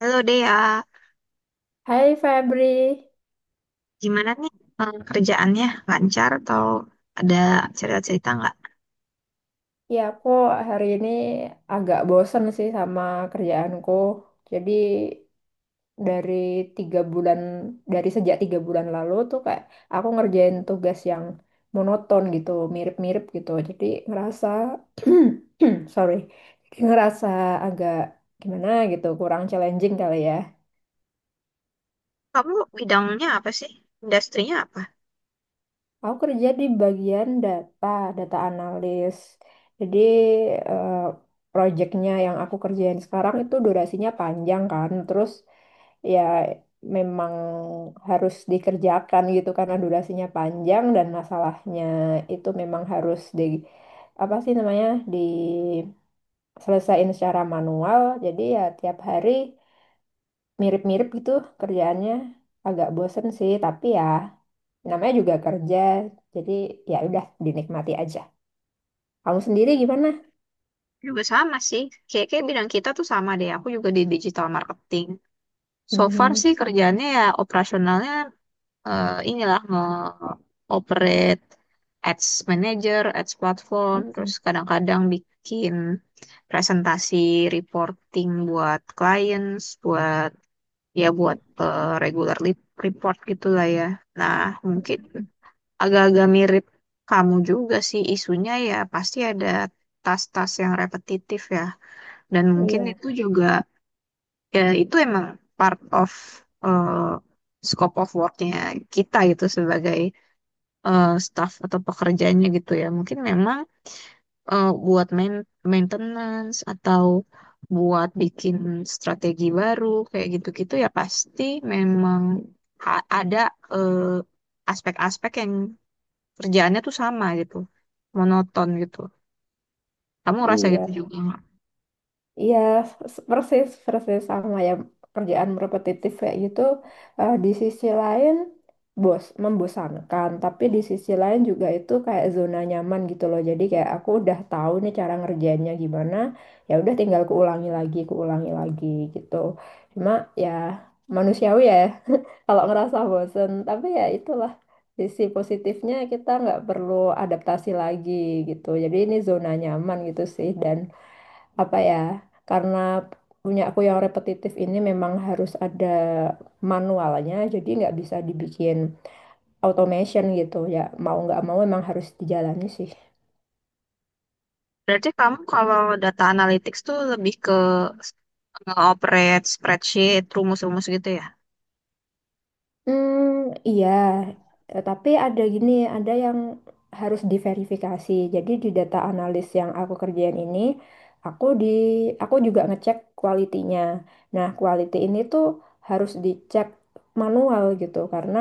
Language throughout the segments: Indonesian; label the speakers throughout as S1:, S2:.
S1: Halo Dea,
S2: Hai Febri,
S1: gimana nih kerjaannya? Lancar atau ada cerita-cerita nggak?
S2: ya aku hari ini agak bosen sih sama kerjaanku. Jadi dari tiga bulan, dari sejak 3 bulan lalu tuh kayak aku ngerjain tugas yang monoton gitu, mirip-mirip gitu. Jadi ngerasa, sorry, ngerasa agak gimana gitu, kurang challenging kali ya.
S1: Kamu bidangnya apa sih? Industrinya apa?
S2: Aku kerja di bagian data, data analis. Jadi eh, proyeknya yang aku kerjain sekarang itu durasinya panjang kan. Terus ya memang harus dikerjakan gitu karena durasinya panjang dan masalahnya itu memang harus di apa sih namanya diselesaikan secara manual. Jadi ya tiap hari mirip-mirip gitu kerjaannya agak bosen sih, tapi ya namanya juga kerja, jadi ya udah dinikmati aja. Kamu sendiri gimana?
S1: Juga sama sih, kayak-kayak bidang kita tuh sama deh. Aku juga di digital marketing. So far
S2: Mhm.
S1: sih kerjaannya ya operasionalnya inilah nge-operate ads manager, ads platform, terus
S2: Mhm.
S1: kadang-kadang bikin presentasi reporting buat clients, buat ya buat report gitulah ya. Nah, mungkin agak-agak mirip kamu juga sih isunya ya pasti ada tas-tas yang repetitif ya. Dan mungkin
S2: Iya,
S1: itu juga ya itu emang part of eh, scope of worknya kita gitu sebagai staff atau pekerjaannya gitu ya. Mungkin memang buat maintenance atau buat bikin strategi baru kayak gitu-gitu ya pasti memang ada eh, aspek-aspek yang kerjaannya tuh sama gitu, monoton gitu. Kamu ngerasa
S2: iya,
S1: gitu juga nggak?
S2: iya, persis, persis sama ya, kerjaan repetitif kayak gitu. Di sisi lain bos membosankan, tapi di sisi lain juga itu kayak zona nyaman gitu loh, jadi kayak aku udah tahu nih cara ngerjainnya gimana, ya udah tinggal kuulangi lagi gitu. Cuma ya manusiawi ya kalau ngerasa bosen, tapi ya itulah sisi positifnya, kita nggak perlu adaptasi lagi gitu, jadi ini zona nyaman gitu sih. Dan apa ya, karena punya aku yang repetitif ini memang harus ada manualnya, jadi nggak bisa dibikin automation gitu, ya mau nggak mau memang harus dijalani sih.
S1: Berarti kamu kalau data analytics tuh lebih ke nge-operate spreadsheet, rumus-rumus gitu ya?
S2: Hmm, iya. Tapi ada gini, ada yang harus diverifikasi. Jadi di data analis yang aku kerjain ini, aku di aku juga ngecek kualitinya. Nah, quality ini tuh harus dicek manual gitu karena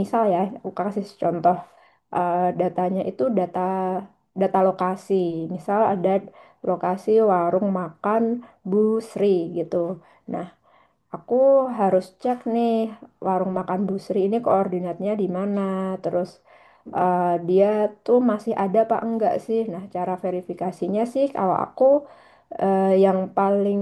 S2: misal ya, aku kasih contoh, datanya itu data data lokasi. Misal ada lokasi warung makan Bu Sri gitu. Nah, aku harus cek nih warung makan Bu Sri ini koordinatnya di mana. Terus dia tuh masih ada apa enggak sih? Nah, cara verifikasinya sih kalau aku yang paling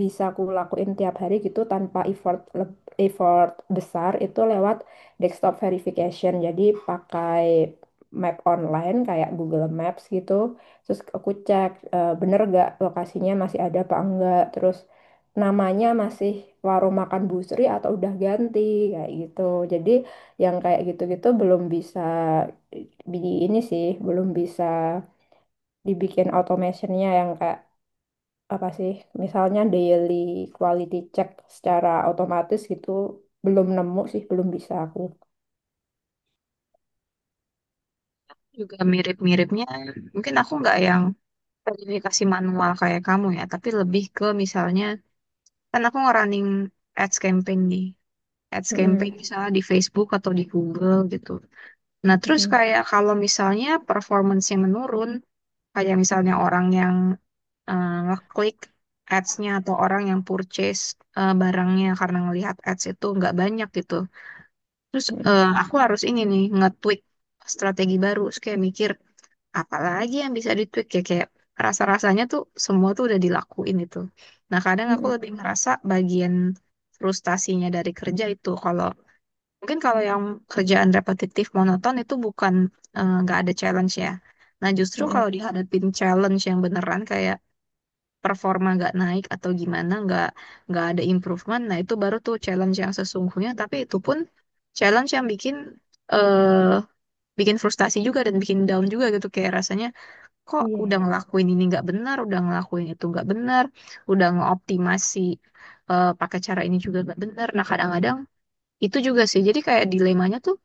S2: bisa aku lakuin tiap hari gitu tanpa effort besar itu lewat desktop verification. Jadi pakai map online kayak Google Maps gitu. Terus aku cek, bener gak lokasinya masih ada apa enggak. Terus namanya masih warung makan Bu Sri atau udah ganti, kayak gitu. Jadi yang kayak gitu-gitu belum bisa di ini sih, belum bisa dibikin automationnya yang kayak apa sih? Misalnya daily quality check secara otomatis gitu, belum nemu sih, belum bisa aku.
S1: Juga mirip-miripnya. Mungkin aku nggak yang verifikasi manual kayak kamu ya, tapi lebih ke misalnya kan aku nge-running ads campaign nih. Ads campaign
S2: Mm-mm,
S1: misalnya di Facebook atau di Google gitu. Nah, terus
S2: mm-mm,
S1: kayak kalau misalnya performance-nya menurun, kayak misalnya orang yang ngeklik ads-nya atau orang yang purchase barangnya karena ngelihat ads itu nggak banyak gitu. Terus
S2: mm-mm,
S1: aku harus ini nih, nge-tweak strategi baru. Terus kayak mikir, apalagi yang bisa ditweak ya kayak rasa-rasanya tuh semua tuh udah dilakuin itu. Nah, kadang aku
S2: mm-mm,
S1: lebih ngerasa bagian frustasinya dari kerja itu kalau mungkin kalau yang kerjaan repetitif monoton itu bukan nggak ada challenge ya. Nah, justru
S2: mm-mm.
S1: kalau dihadapin challenge yang beneran kayak performa nggak naik atau gimana nggak ada improvement, nah itu baru tuh challenge yang sesungguhnya. Tapi itu pun challenge yang bikin eh bikin frustasi juga dan bikin down juga gitu kayak rasanya kok
S2: Iya,
S1: udah
S2: iya.
S1: ngelakuin ini nggak benar, udah ngelakuin itu nggak benar, udah ngeoptimasi pakai cara ini juga nggak benar. Nah kadang-kadang itu juga sih. Jadi kayak dilemanya tuh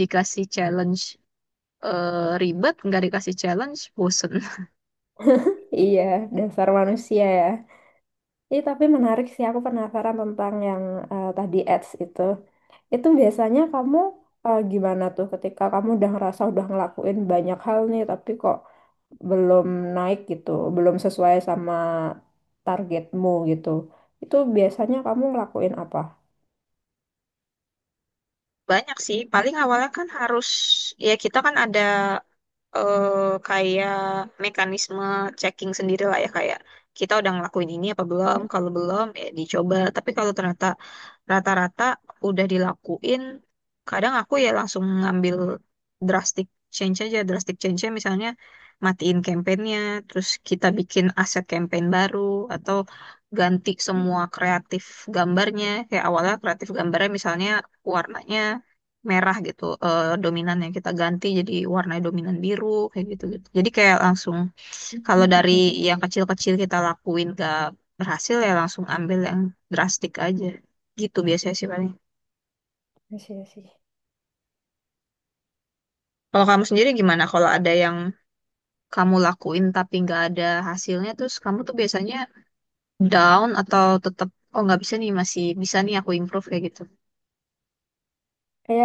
S1: dikasih challenge ribet, nggak dikasih challenge bosen.
S2: Iya, dasar manusia ya. Ih, tapi menarik sih, aku penasaran tentang yang tadi ads itu. Itu biasanya kamu gimana tuh ketika kamu udah ngerasa udah ngelakuin banyak hal nih, tapi kok belum naik gitu, belum sesuai sama targetmu gitu. Itu biasanya kamu ngelakuin apa?
S1: Banyak sih. Paling awalnya kan harus ya kita kan ada eh kayak mekanisme checking sendiri lah ya kayak kita udah ngelakuin ini apa belum,
S2: Hmm.
S1: kalau belum ya dicoba, tapi kalau ternyata rata-rata udah dilakuin, kadang aku ya langsung ngambil drastic change aja. Drastic change misalnya matiin campaignnya, terus kita bikin aset campaign baru atau ganti semua kreatif gambarnya. Kayak awalnya kreatif gambarnya misalnya warnanya merah gitu, dominannya kita ganti jadi warna dominan biru, kayak gitu gitu. Jadi kayak langsung kalau dari yang kecil-kecil kita lakuin gak berhasil ya langsung ambil yang drastik aja gitu biasanya sih paling.
S2: Iya sih.
S1: Kalau kamu sendiri gimana kalau ada yang kamu lakuin tapi nggak ada hasilnya, terus kamu tuh biasanya down atau tetap oh nggak bisa nih, masih bisa nih aku improve kayak gitu?
S2: Ya,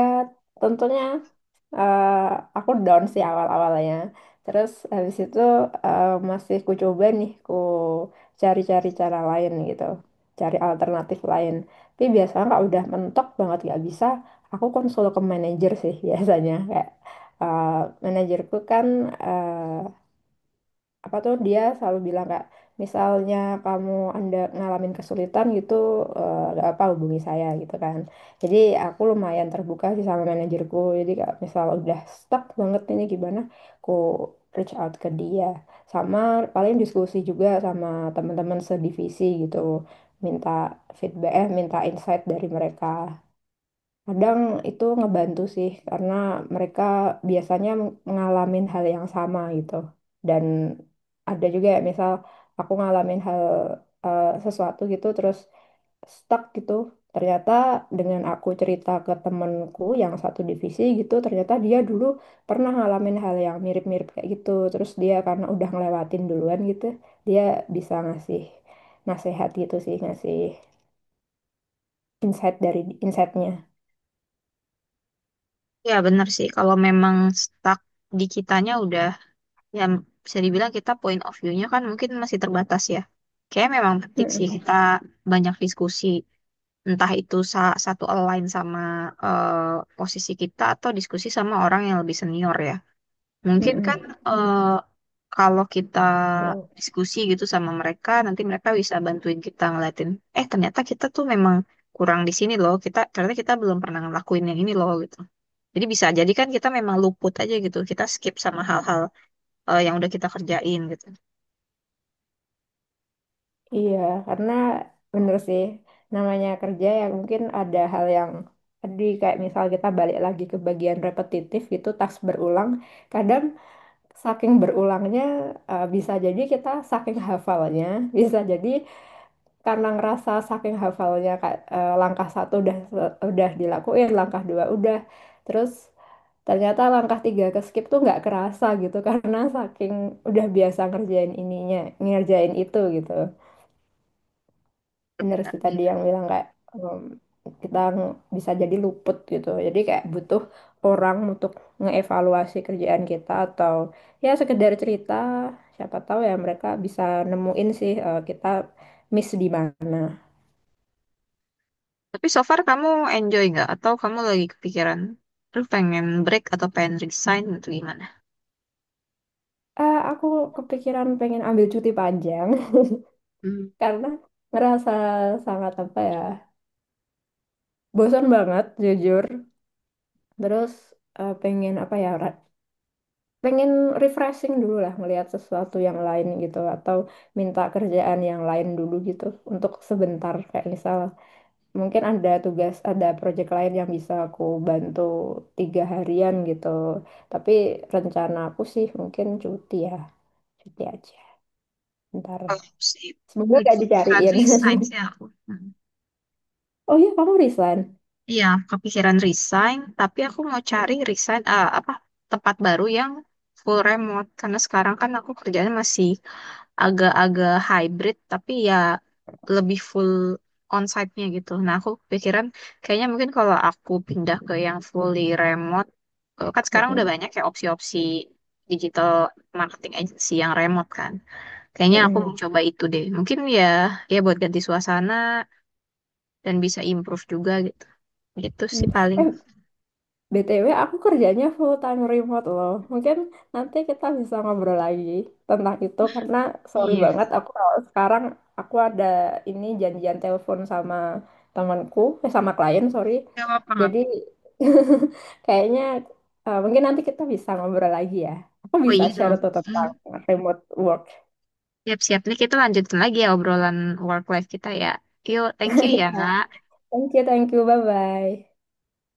S2: tentunya eh, aku down sih awal-awalnya. Terus habis itu masih ku coba nih, ku cari-cari cara lain gitu. Cari alternatif lain. Tapi biasanya kalau udah mentok banget gak bisa, aku konsul ke manajer sih biasanya. Kayak eh, manajerku kan, eh, apa tuh, dia selalu bilang, kak misalnya kamu anda ngalamin kesulitan gitu, nggak apa hubungi saya gitu kan. Jadi aku lumayan terbuka sih sama manajerku, jadi kak misal udah stuck banget ini gimana, aku reach out ke dia. Sama paling diskusi juga sama teman-teman sedivisi gitu, minta feedback, minta insight dari mereka. Kadang itu ngebantu sih, karena mereka biasanya mengalami hal yang sama gitu. Dan ada juga ya, misal aku ngalamin hal, sesuatu gitu, terus stuck gitu. Ternyata dengan aku cerita ke temenku yang satu divisi gitu, ternyata dia dulu pernah ngalamin hal yang mirip-mirip kayak gitu. Terus dia karena udah ngelewatin duluan gitu, dia bisa ngasih nasehat gitu sih, ngasih insight dari insightnya.
S1: Ya benar sih kalau memang stuck di kitanya udah ya bisa dibilang kita point of view-nya kan mungkin masih terbatas ya. Kayak memang penting sih
S2: Mm-mm.
S1: kita banyak diskusi, entah itu satu align sama eh, posisi kita atau diskusi sama orang yang lebih senior ya. Mungkin kan
S2: Mm-mm.
S1: eh, kalau kita
S2: Tuh.
S1: diskusi gitu sama mereka, nanti mereka bisa bantuin kita ngeliatin, eh ternyata kita tuh memang kurang di sini loh, kita ternyata kita belum pernah ngelakuin yang ini loh gitu. Jadi bisa jadi kan kita memang luput aja gitu, kita skip sama hal-hal yang udah kita kerjain gitu.
S2: Iya, karena bener sih, namanya kerja ya mungkin ada hal yang tadi kayak misal kita balik lagi ke bagian repetitif gitu, tas berulang. Kadang saking berulangnya, bisa jadi kita saking hafalnya, bisa jadi karena ngerasa saking hafalnya kayak, langkah satu udah dilakuin, langkah dua udah, terus ternyata langkah tiga ke skip tuh nggak kerasa gitu karena saking udah biasa ngerjain ininya, ngerjain itu gitu. Bener
S1: Benar.
S2: sih
S1: Iya.
S2: tadi yang bilang kayak, em, kita bisa jadi luput gitu. Jadi kayak butuh orang untuk ngeevaluasi kerjaan kita atau ya sekedar cerita. Siapa tahu ya mereka bisa nemuin sih kita miss di mana.
S1: Tapi so far kamu enjoy nggak? Atau kamu lagi kepikiran, lu pengen break atau pengen resign gitu gimana?
S2: Aku kepikiran pengen ambil cuti panjang
S1: Hmm.
S2: karena ngerasa sangat apa ya, bosan banget jujur. Terus pengen apa ya, pengen refreshing dulu lah, melihat sesuatu yang lain gitu atau minta kerjaan yang lain dulu gitu untuk sebentar, kayak misal mungkin ada tugas, ada project lain yang bisa aku bantu tiga harian gitu. Tapi rencana aku sih mungkin cuti ya, cuti aja ntar,
S1: Kalau aku sih
S2: semoga
S1: lagi
S2: gak
S1: kepikiran
S2: dicariin.
S1: resign sih aku.
S2: Oh iya, kamu resign.
S1: Iya, kepikiran resign, tapi aku mau cari resign eh, apa tempat baru yang full remote karena sekarang kan aku kerjanya masih agak-agak hybrid tapi ya lebih full onsite-nya gitu. Nah, aku pikiran kayaknya mungkin kalau aku pindah ke yang fully remote, kan sekarang udah
S2: Mm-mm.
S1: banyak ya opsi-opsi digital marketing agency yang remote kan. Kayaknya aku mau
S2: Mm-mm.
S1: coba itu deh. Mungkin ya ya buat ganti suasana dan bisa improve juga gitu. Gitu sih
S2: Mm.
S1: paling.
S2: Eh, BTW aku kerjanya full time remote loh. Mungkin nanti kita bisa ngobrol lagi tentang itu karena sorry
S1: Iya,
S2: banget aku kalau sekarang aku ada ini janjian telepon sama temanku, eh, sama klien, sorry.
S1: nggak apa-apa. Nggak
S2: Jadi
S1: apa-apa.
S2: kayaknya, mungkin nanti kita bisa ngobrol lagi ya. Aku
S1: Oh
S2: bisa
S1: iya
S2: share
S1: dong.
S2: tuh tentang
S1: Hmm.
S2: remote work.
S1: Siap-siap nih kita lanjutin lagi ya obrolan work life kita ya. Yuk, thank you ya.
S2: Ya. Thank you, bye-bye.